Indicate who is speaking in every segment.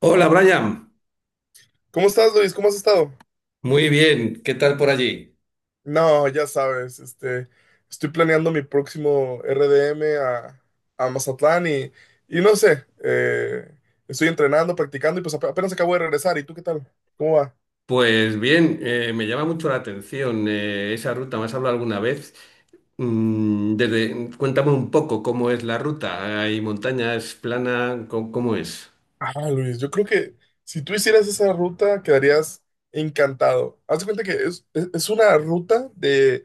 Speaker 1: Hola Brian,
Speaker 2: ¿Cómo estás, Luis? ¿Cómo has estado?
Speaker 1: muy bien, ¿qué tal por allí?
Speaker 2: No, ya sabes, este, estoy planeando mi próximo RDM a Mazatlán y no sé, estoy entrenando, practicando y pues apenas acabo de regresar. ¿Y tú qué tal? ¿Cómo va?
Speaker 1: Pues bien, me llama mucho la atención, esa ruta. ¿Me has hablado alguna vez? Desde, cuéntame un poco cómo es la ruta. ¿Hay montañas, plana? ¿Cómo, cómo es?
Speaker 2: Ah, Luis, yo creo que si tú hicieras esa ruta quedarías encantado. Haz de cuenta que es una ruta de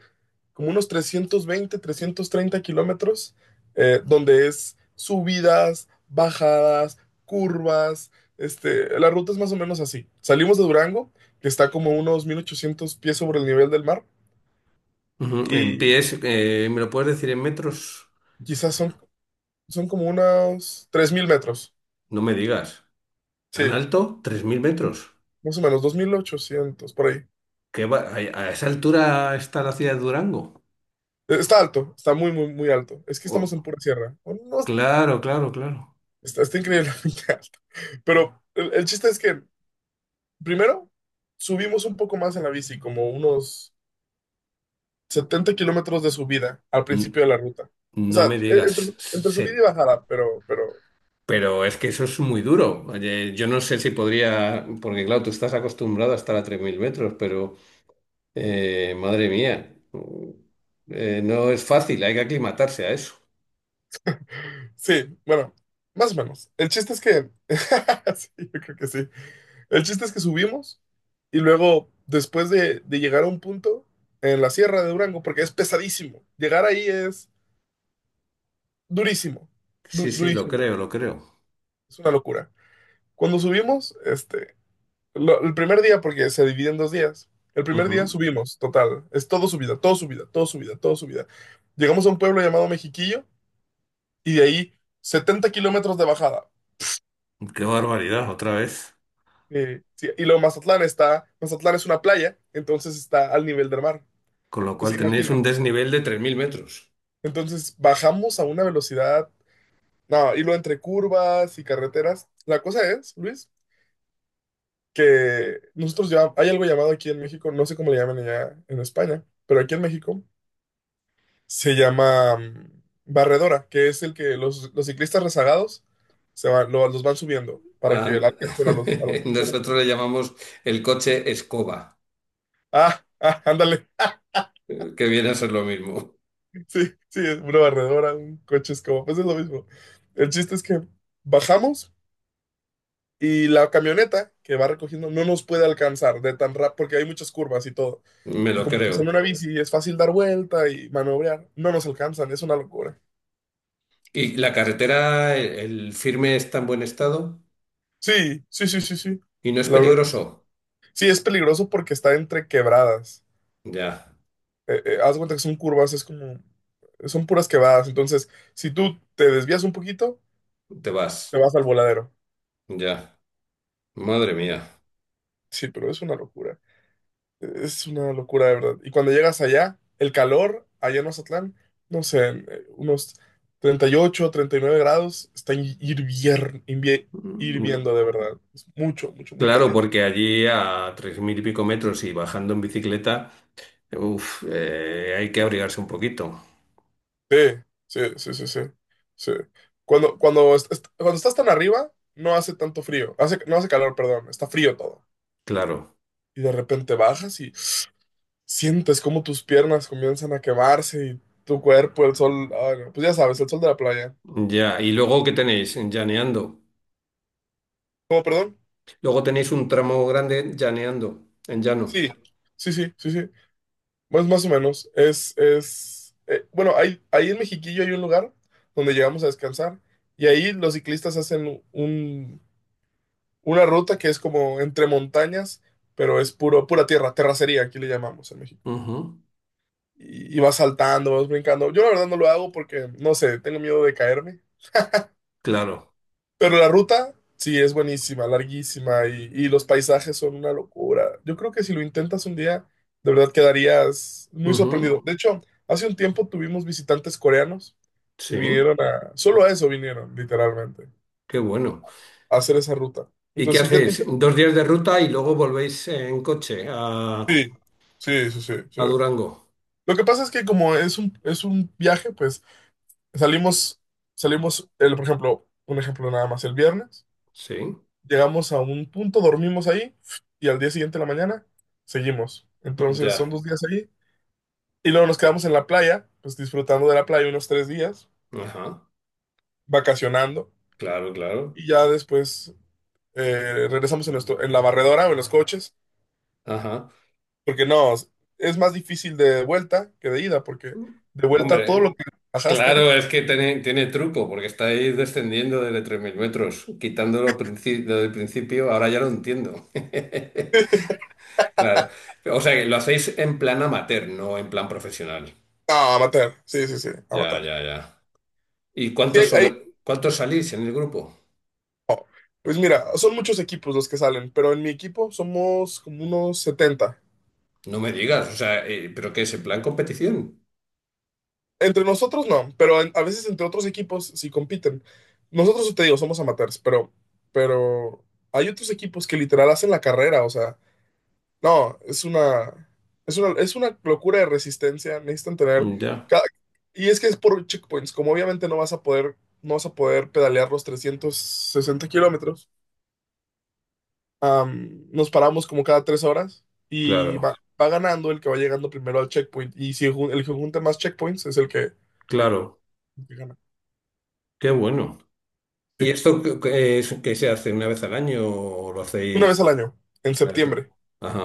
Speaker 2: como unos 320, 330 kilómetros, donde es subidas, bajadas, curvas. Este, la ruta es más o menos así. Salimos de Durango, que está como unos 1800 pies sobre el nivel del mar,
Speaker 1: Ujú. En
Speaker 2: y
Speaker 1: pies, ¿me lo puedes decir en metros?
Speaker 2: quizás son como unos 3000 metros.
Speaker 1: No me digas. ¿Tan
Speaker 2: Sí,
Speaker 1: alto? ¿Tres mil metros?
Speaker 2: más o menos, 2800 por ahí.
Speaker 1: A esa altura está la ciudad de Durango?
Speaker 2: Está alto, está muy, muy, muy alto. Es que
Speaker 1: Oh,
Speaker 2: estamos en pura sierra. Bueno, no,
Speaker 1: claro, claro, claro.
Speaker 2: está increíblemente alto. Pero el chiste es que, primero, subimos un poco más en la bici, como unos 70 kilómetros de subida al
Speaker 1: N-
Speaker 2: principio de la ruta. O
Speaker 1: no
Speaker 2: sea,
Speaker 1: me
Speaker 2: entre,
Speaker 1: digas.
Speaker 2: entre subida y bajada, pero
Speaker 1: Pero es que eso es muy duro. Oye, yo no sé si podría, porque claro, tú estás acostumbrado a estar a 3.000 metros, pero madre mía, no es fácil, hay que aclimatarse a eso.
Speaker 2: sí, bueno, más o menos. El chiste es que, sí, yo creo que sí. El chiste es que subimos y luego, después de llegar a un punto en la sierra de Durango, porque es pesadísimo, llegar ahí es durísimo,
Speaker 1: Sí, sí, lo
Speaker 2: durísimo,
Speaker 1: creo, lo creo.
Speaker 2: es una locura. Cuando subimos, este, el primer día, porque se divide en dos días, el primer día
Speaker 1: Ujú.
Speaker 2: subimos, total, es todo subida, todo subida, todo subida, todo subida. Llegamos a un pueblo llamado Mexiquillo y de ahí 70 kilómetros de bajada.
Speaker 1: Qué barbaridad, otra vez.
Speaker 2: Sí, y luego Mazatlán es una playa, entonces está al nivel del mar.
Speaker 1: Con lo cual
Speaker 2: Entonces,
Speaker 1: tenéis
Speaker 2: imagina,
Speaker 1: un desnivel de tres mil metros.
Speaker 2: entonces bajamos a una velocidad, no, y lo entre curvas y carreteras. La cosa es, Luis, que nosotros ya hay algo llamado aquí en México, no sé cómo le llaman allá en España, pero aquí en México se llama barredora, que es el que los ciclistas rezagados se van, los van subiendo para
Speaker 1: Ah,
Speaker 2: que la alcancen a a los punteros.
Speaker 1: nosotros le llamamos el coche escoba,
Speaker 2: Ah, ah, ándale.
Speaker 1: que viene a ser lo mismo.
Speaker 2: Sí, sí, es una barredora, un coche es como pues es lo mismo. El chiste es que bajamos. Y la camioneta que va recogiendo no nos puede alcanzar de tan rápido, porque hay muchas curvas y todo.
Speaker 1: Me
Speaker 2: Y
Speaker 1: lo
Speaker 2: como pues en
Speaker 1: creo.
Speaker 2: una bici es fácil dar vuelta y maniobrar, no nos alcanzan, es una locura.
Speaker 1: ¿Y la carretera, el firme está en buen estado?
Speaker 2: Sí, sí, sí, sí, sí.
Speaker 1: Y no es
Speaker 2: La verdad, que sí,
Speaker 1: peligroso.
Speaker 2: sí, es peligroso porque está entre quebradas.
Speaker 1: Ya,
Speaker 2: Haz de cuenta que son curvas, es como, son puras quebradas. Entonces, si tú te desvías un poquito,
Speaker 1: te
Speaker 2: te
Speaker 1: vas.
Speaker 2: vas al voladero.
Speaker 1: Ya. Madre mía.
Speaker 2: Sí, pero es una locura. Es una locura, de verdad. Y cuando llegas allá, el calor, allá en Mazatlán, no sé, unos 38, 39 grados, está
Speaker 1: Mm,
Speaker 2: hirviendo de verdad. Es mucho, mucho, muy
Speaker 1: Claro,
Speaker 2: caliente.
Speaker 1: porque allí a tres mil y pico metros y bajando en bicicleta, uf, hay que abrigarse un poquito.
Speaker 2: Sí, sí, sí, sí, sí, sí. Cuando estás tan arriba, no hace tanto frío. Hace, no hace calor, perdón, está frío todo.
Speaker 1: Claro.
Speaker 2: Y de repente bajas y sientes como tus piernas comienzan a quemarse y tu cuerpo, el sol, ay, no, pues ya sabes, el sol de la playa.
Speaker 1: Ya. ¿Y luego qué tenéis? Llaneando.
Speaker 2: ¿Cómo, perdón?
Speaker 1: Luego tenéis un tramo grande llaneando, en llano.
Speaker 2: Sí, sí, sí, sí, sí. Más, más o menos. Es, bueno, hay, ahí en Mexiquillo hay un lugar donde llegamos a descansar y ahí los ciclistas hacen una ruta que es como entre montañas, pero es puro, pura tierra, terracería, aquí le llamamos en México.
Speaker 1: Ujú.
Speaker 2: Y vas saltando, vas brincando. Yo la verdad no lo hago porque, no sé, tengo miedo de caerme.
Speaker 1: Claro.
Speaker 2: Pero la ruta, sí, es buenísima, larguísima y los paisajes son una locura. Yo creo que si lo intentas un día, de verdad quedarías muy sorprendido.
Speaker 1: Ujú.
Speaker 2: De hecho, hace un tiempo tuvimos visitantes coreanos que
Speaker 1: Sí.
Speaker 2: vinieron a... Solo a eso vinieron, literalmente,
Speaker 1: Qué bueno.
Speaker 2: a hacer esa ruta.
Speaker 1: ¿Y qué
Speaker 2: Entonces, si un día te
Speaker 1: hacéis?
Speaker 2: interesa...
Speaker 1: Dos días de ruta y luego volvéis en coche
Speaker 2: Sí, sí, sí, sí, sí.
Speaker 1: a Durango.
Speaker 2: Lo que pasa es que como es es un viaje, pues salimos, salimos, el, por ejemplo, un ejemplo nada más, el viernes.
Speaker 1: Sí.
Speaker 2: Llegamos a un punto, dormimos ahí y al día siguiente de la mañana seguimos. Entonces son
Speaker 1: Ya.
Speaker 2: 2 días ahí y luego nos quedamos en la playa, pues disfrutando de la playa unos 3 días,
Speaker 1: Ajá,
Speaker 2: vacacionando
Speaker 1: claro, claro.
Speaker 2: y ya después regresamos en la barredora o en los coches,
Speaker 1: Ajá.
Speaker 2: porque no, es más difícil de vuelta que de ida, porque de vuelta todo lo
Speaker 1: Hombre,
Speaker 2: que bajaste,
Speaker 1: claro, es que tiene, tiene truco, porque estáis descendiendo desde 3.000 metros, quitándolo desde el principio, ahora ya lo entiendo. Claro. O sea, que lo hacéis en plan amateur, no en plan profesional.
Speaker 2: no, a matar, sí, sí, sí, a
Speaker 1: Ya,
Speaker 2: matar.
Speaker 1: ya, ya. ¿Y
Speaker 2: Sí,
Speaker 1: cuántos, cuántos salís en el grupo?
Speaker 2: pues mira, son muchos equipos los que salen, pero en mi equipo somos como unos setenta.
Speaker 1: No me digas, o sea, ¿pero qué es en plan competición?
Speaker 2: Entre nosotros no, pero a veces entre otros equipos sí compiten. Nosotros, sí te digo, somos amateurs, pero hay otros equipos que literal hacen la carrera, o sea, no, es una locura de resistencia, necesitan tener
Speaker 1: Ya,
Speaker 2: cada- y es que es por checkpoints, como obviamente no vas a poder, no vas a poder pedalear los 360 kilómetros, am, nos paramos como cada 3 horas y
Speaker 1: claro,
Speaker 2: va, va ganando el que va llegando primero al checkpoint, y si el que junta más checkpoints es el
Speaker 1: claro.
Speaker 2: que gana.
Speaker 1: Qué bueno. ¿Y
Speaker 2: Sí.
Speaker 1: esto que es, que se hace una vez al año o lo
Speaker 2: Una
Speaker 1: hacéis?
Speaker 2: vez al año, en
Speaker 1: Maestra.
Speaker 2: septiembre,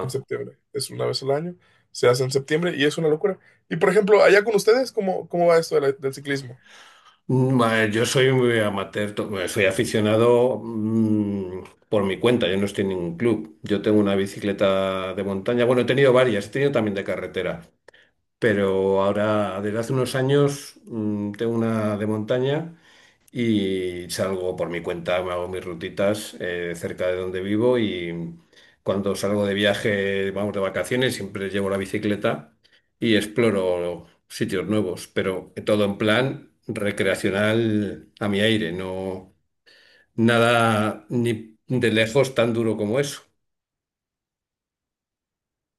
Speaker 2: en septiembre, es una vez al año, se hace en septiembre y es una locura. Y por ejemplo, allá con ustedes, ¿cómo, cómo va esto de del ciclismo?
Speaker 1: A ver, yo soy muy amateur, bueno, soy aficionado, por mi cuenta, yo no estoy en ningún club. Yo tengo una bicicleta de montaña, bueno, he tenido varias, he tenido también de carretera, pero ahora desde hace unos años, tengo una de montaña y salgo por mi cuenta, me hago mis rutitas, cerca de donde vivo, y cuando salgo de viaje, vamos de vacaciones, siempre llevo la bicicleta y exploro sitios nuevos, pero todo en plan recreacional a mi aire, no nada ni de lejos tan duro como eso.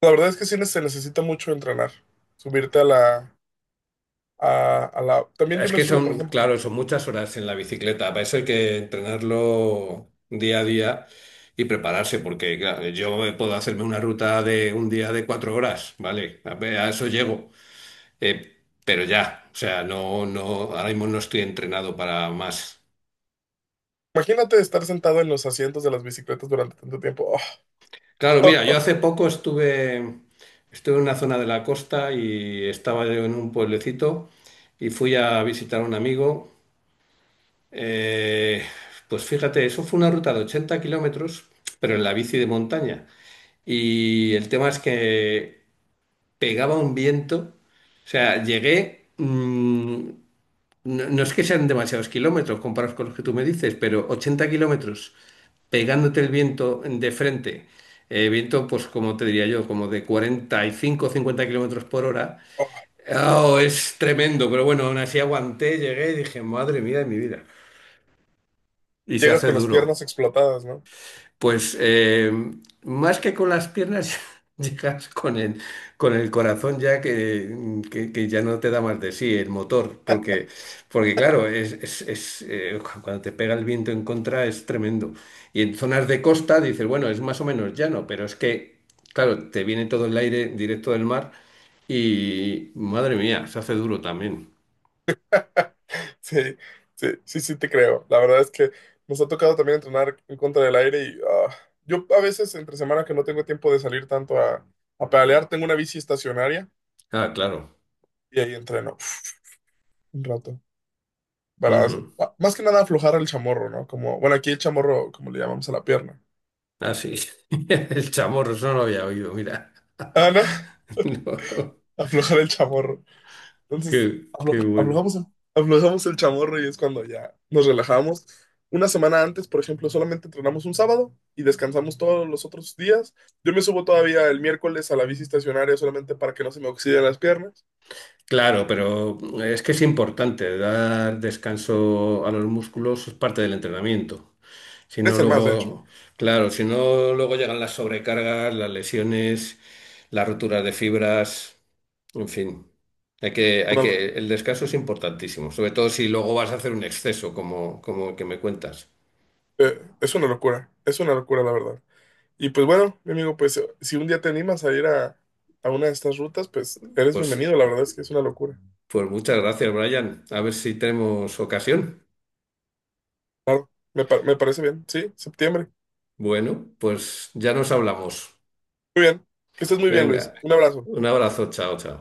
Speaker 2: La verdad es que sí se necesita mucho entrenar, subirte a a la... También yo
Speaker 1: Es
Speaker 2: me
Speaker 1: que
Speaker 2: subo, por
Speaker 1: son,
Speaker 2: ejemplo,
Speaker 1: claro, son muchas horas en la bicicleta. Para eso hay que entrenarlo día a día y prepararse, porque claro, yo me puedo hacerme una ruta de un día de cuatro horas, ¿vale? A ver, a eso llego. Eh, pero ya, o sea, no, no, ahora mismo no estoy entrenado para más.
Speaker 2: imagínate estar sentado en los asientos de las bicicletas durante tanto tiempo.
Speaker 1: Claro, mira, yo hace poco estuve, estuve en una zona de la costa y estaba yo en un pueblecito y fui a visitar a un amigo. Eh, pues fíjate, eso fue una ruta de 80 kilómetros, pero en la bici de montaña. Y el tema es que pegaba un viento. O sea, llegué. No, no es que sean demasiados kilómetros comparados con los que tú me dices, pero 80 kilómetros pegándote el viento de frente. Eh, viento, pues como te diría yo, como de 45 o 50 kilómetros por hora. Oh, es tremendo, pero bueno, aún así aguanté, llegué y dije, madre mía de mi vida. Y se
Speaker 2: Llegas
Speaker 1: hace
Speaker 2: con las piernas
Speaker 1: duro.
Speaker 2: explotadas, ¿no?
Speaker 1: Pues más que con las piernas llegas con el corazón ya que ya no te da más de sí, el motor, porque, porque claro, es, es, cuando te pega el viento en contra es tremendo. Y en zonas de costa dices, bueno, es más o menos llano, pero es que, claro, te viene todo el aire directo del mar y, madre mía, se hace duro también.
Speaker 2: Sí, sí, sí, sí te creo. La verdad es que nos ha tocado también entrenar en contra del aire yo a veces entre semana que no tengo tiempo de salir tanto a pedalear, tengo una bici estacionaria
Speaker 1: Ah, claro.
Speaker 2: y ahí entreno uf, un rato. Para,
Speaker 1: Ujú.
Speaker 2: más que nada aflojar el chamorro, ¿no? Como, bueno, aquí el chamorro, como le llamamos a la pierna.
Speaker 1: Ah, sí. El chamorro, eso no lo había oído, mira.
Speaker 2: Ah, no,
Speaker 1: No.
Speaker 2: aflojar el chamorro. Entonces,
Speaker 1: Qué, qué bueno.
Speaker 2: aflojamos aflojamos el chamorro y es cuando ya nos relajamos. Una semana antes, por ejemplo, solamente entrenamos un sábado y descansamos todos los otros días. Yo me subo todavía el miércoles a la bici estacionaria solamente para que no se me oxiden las piernas.
Speaker 1: Claro, pero es que es importante dar descanso a los músculos, es parte del entrenamiento. Si no
Speaker 2: Es el más, de hecho.
Speaker 1: luego, claro, si no luego llegan las sobrecargas, las lesiones, las roturas de fibras, en fin. Hay
Speaker 2: Una lo-
Speaker 1: que, el descanso es importantísimo, sobre todo si luego vas a hacer un exceso, como, como el que me cuentas.
Speaker 2: es una locura, la verdad. Y pues bueno, mi amigo, pues si un día te animas a ir a una de estas rutas, pues eres
Speaker 1: Pues,
Speaker 2: bienvenido. La verdad es que es una locura.
Speaker 1: pues muchas gracias, Brian. A ver si tenemos ocasión.
Speaker 2: Claro, me, me parece bien. Sí, septiembre.
Speaker 1: Bueno, pues ya nos hablamos.
Speaker 2: Muy bien. Que estés muy bien,
Speaker 1: Venga,
Speaker 2: Luis. Un abrazo.
Speaker 1: un abrazo, chao, chao.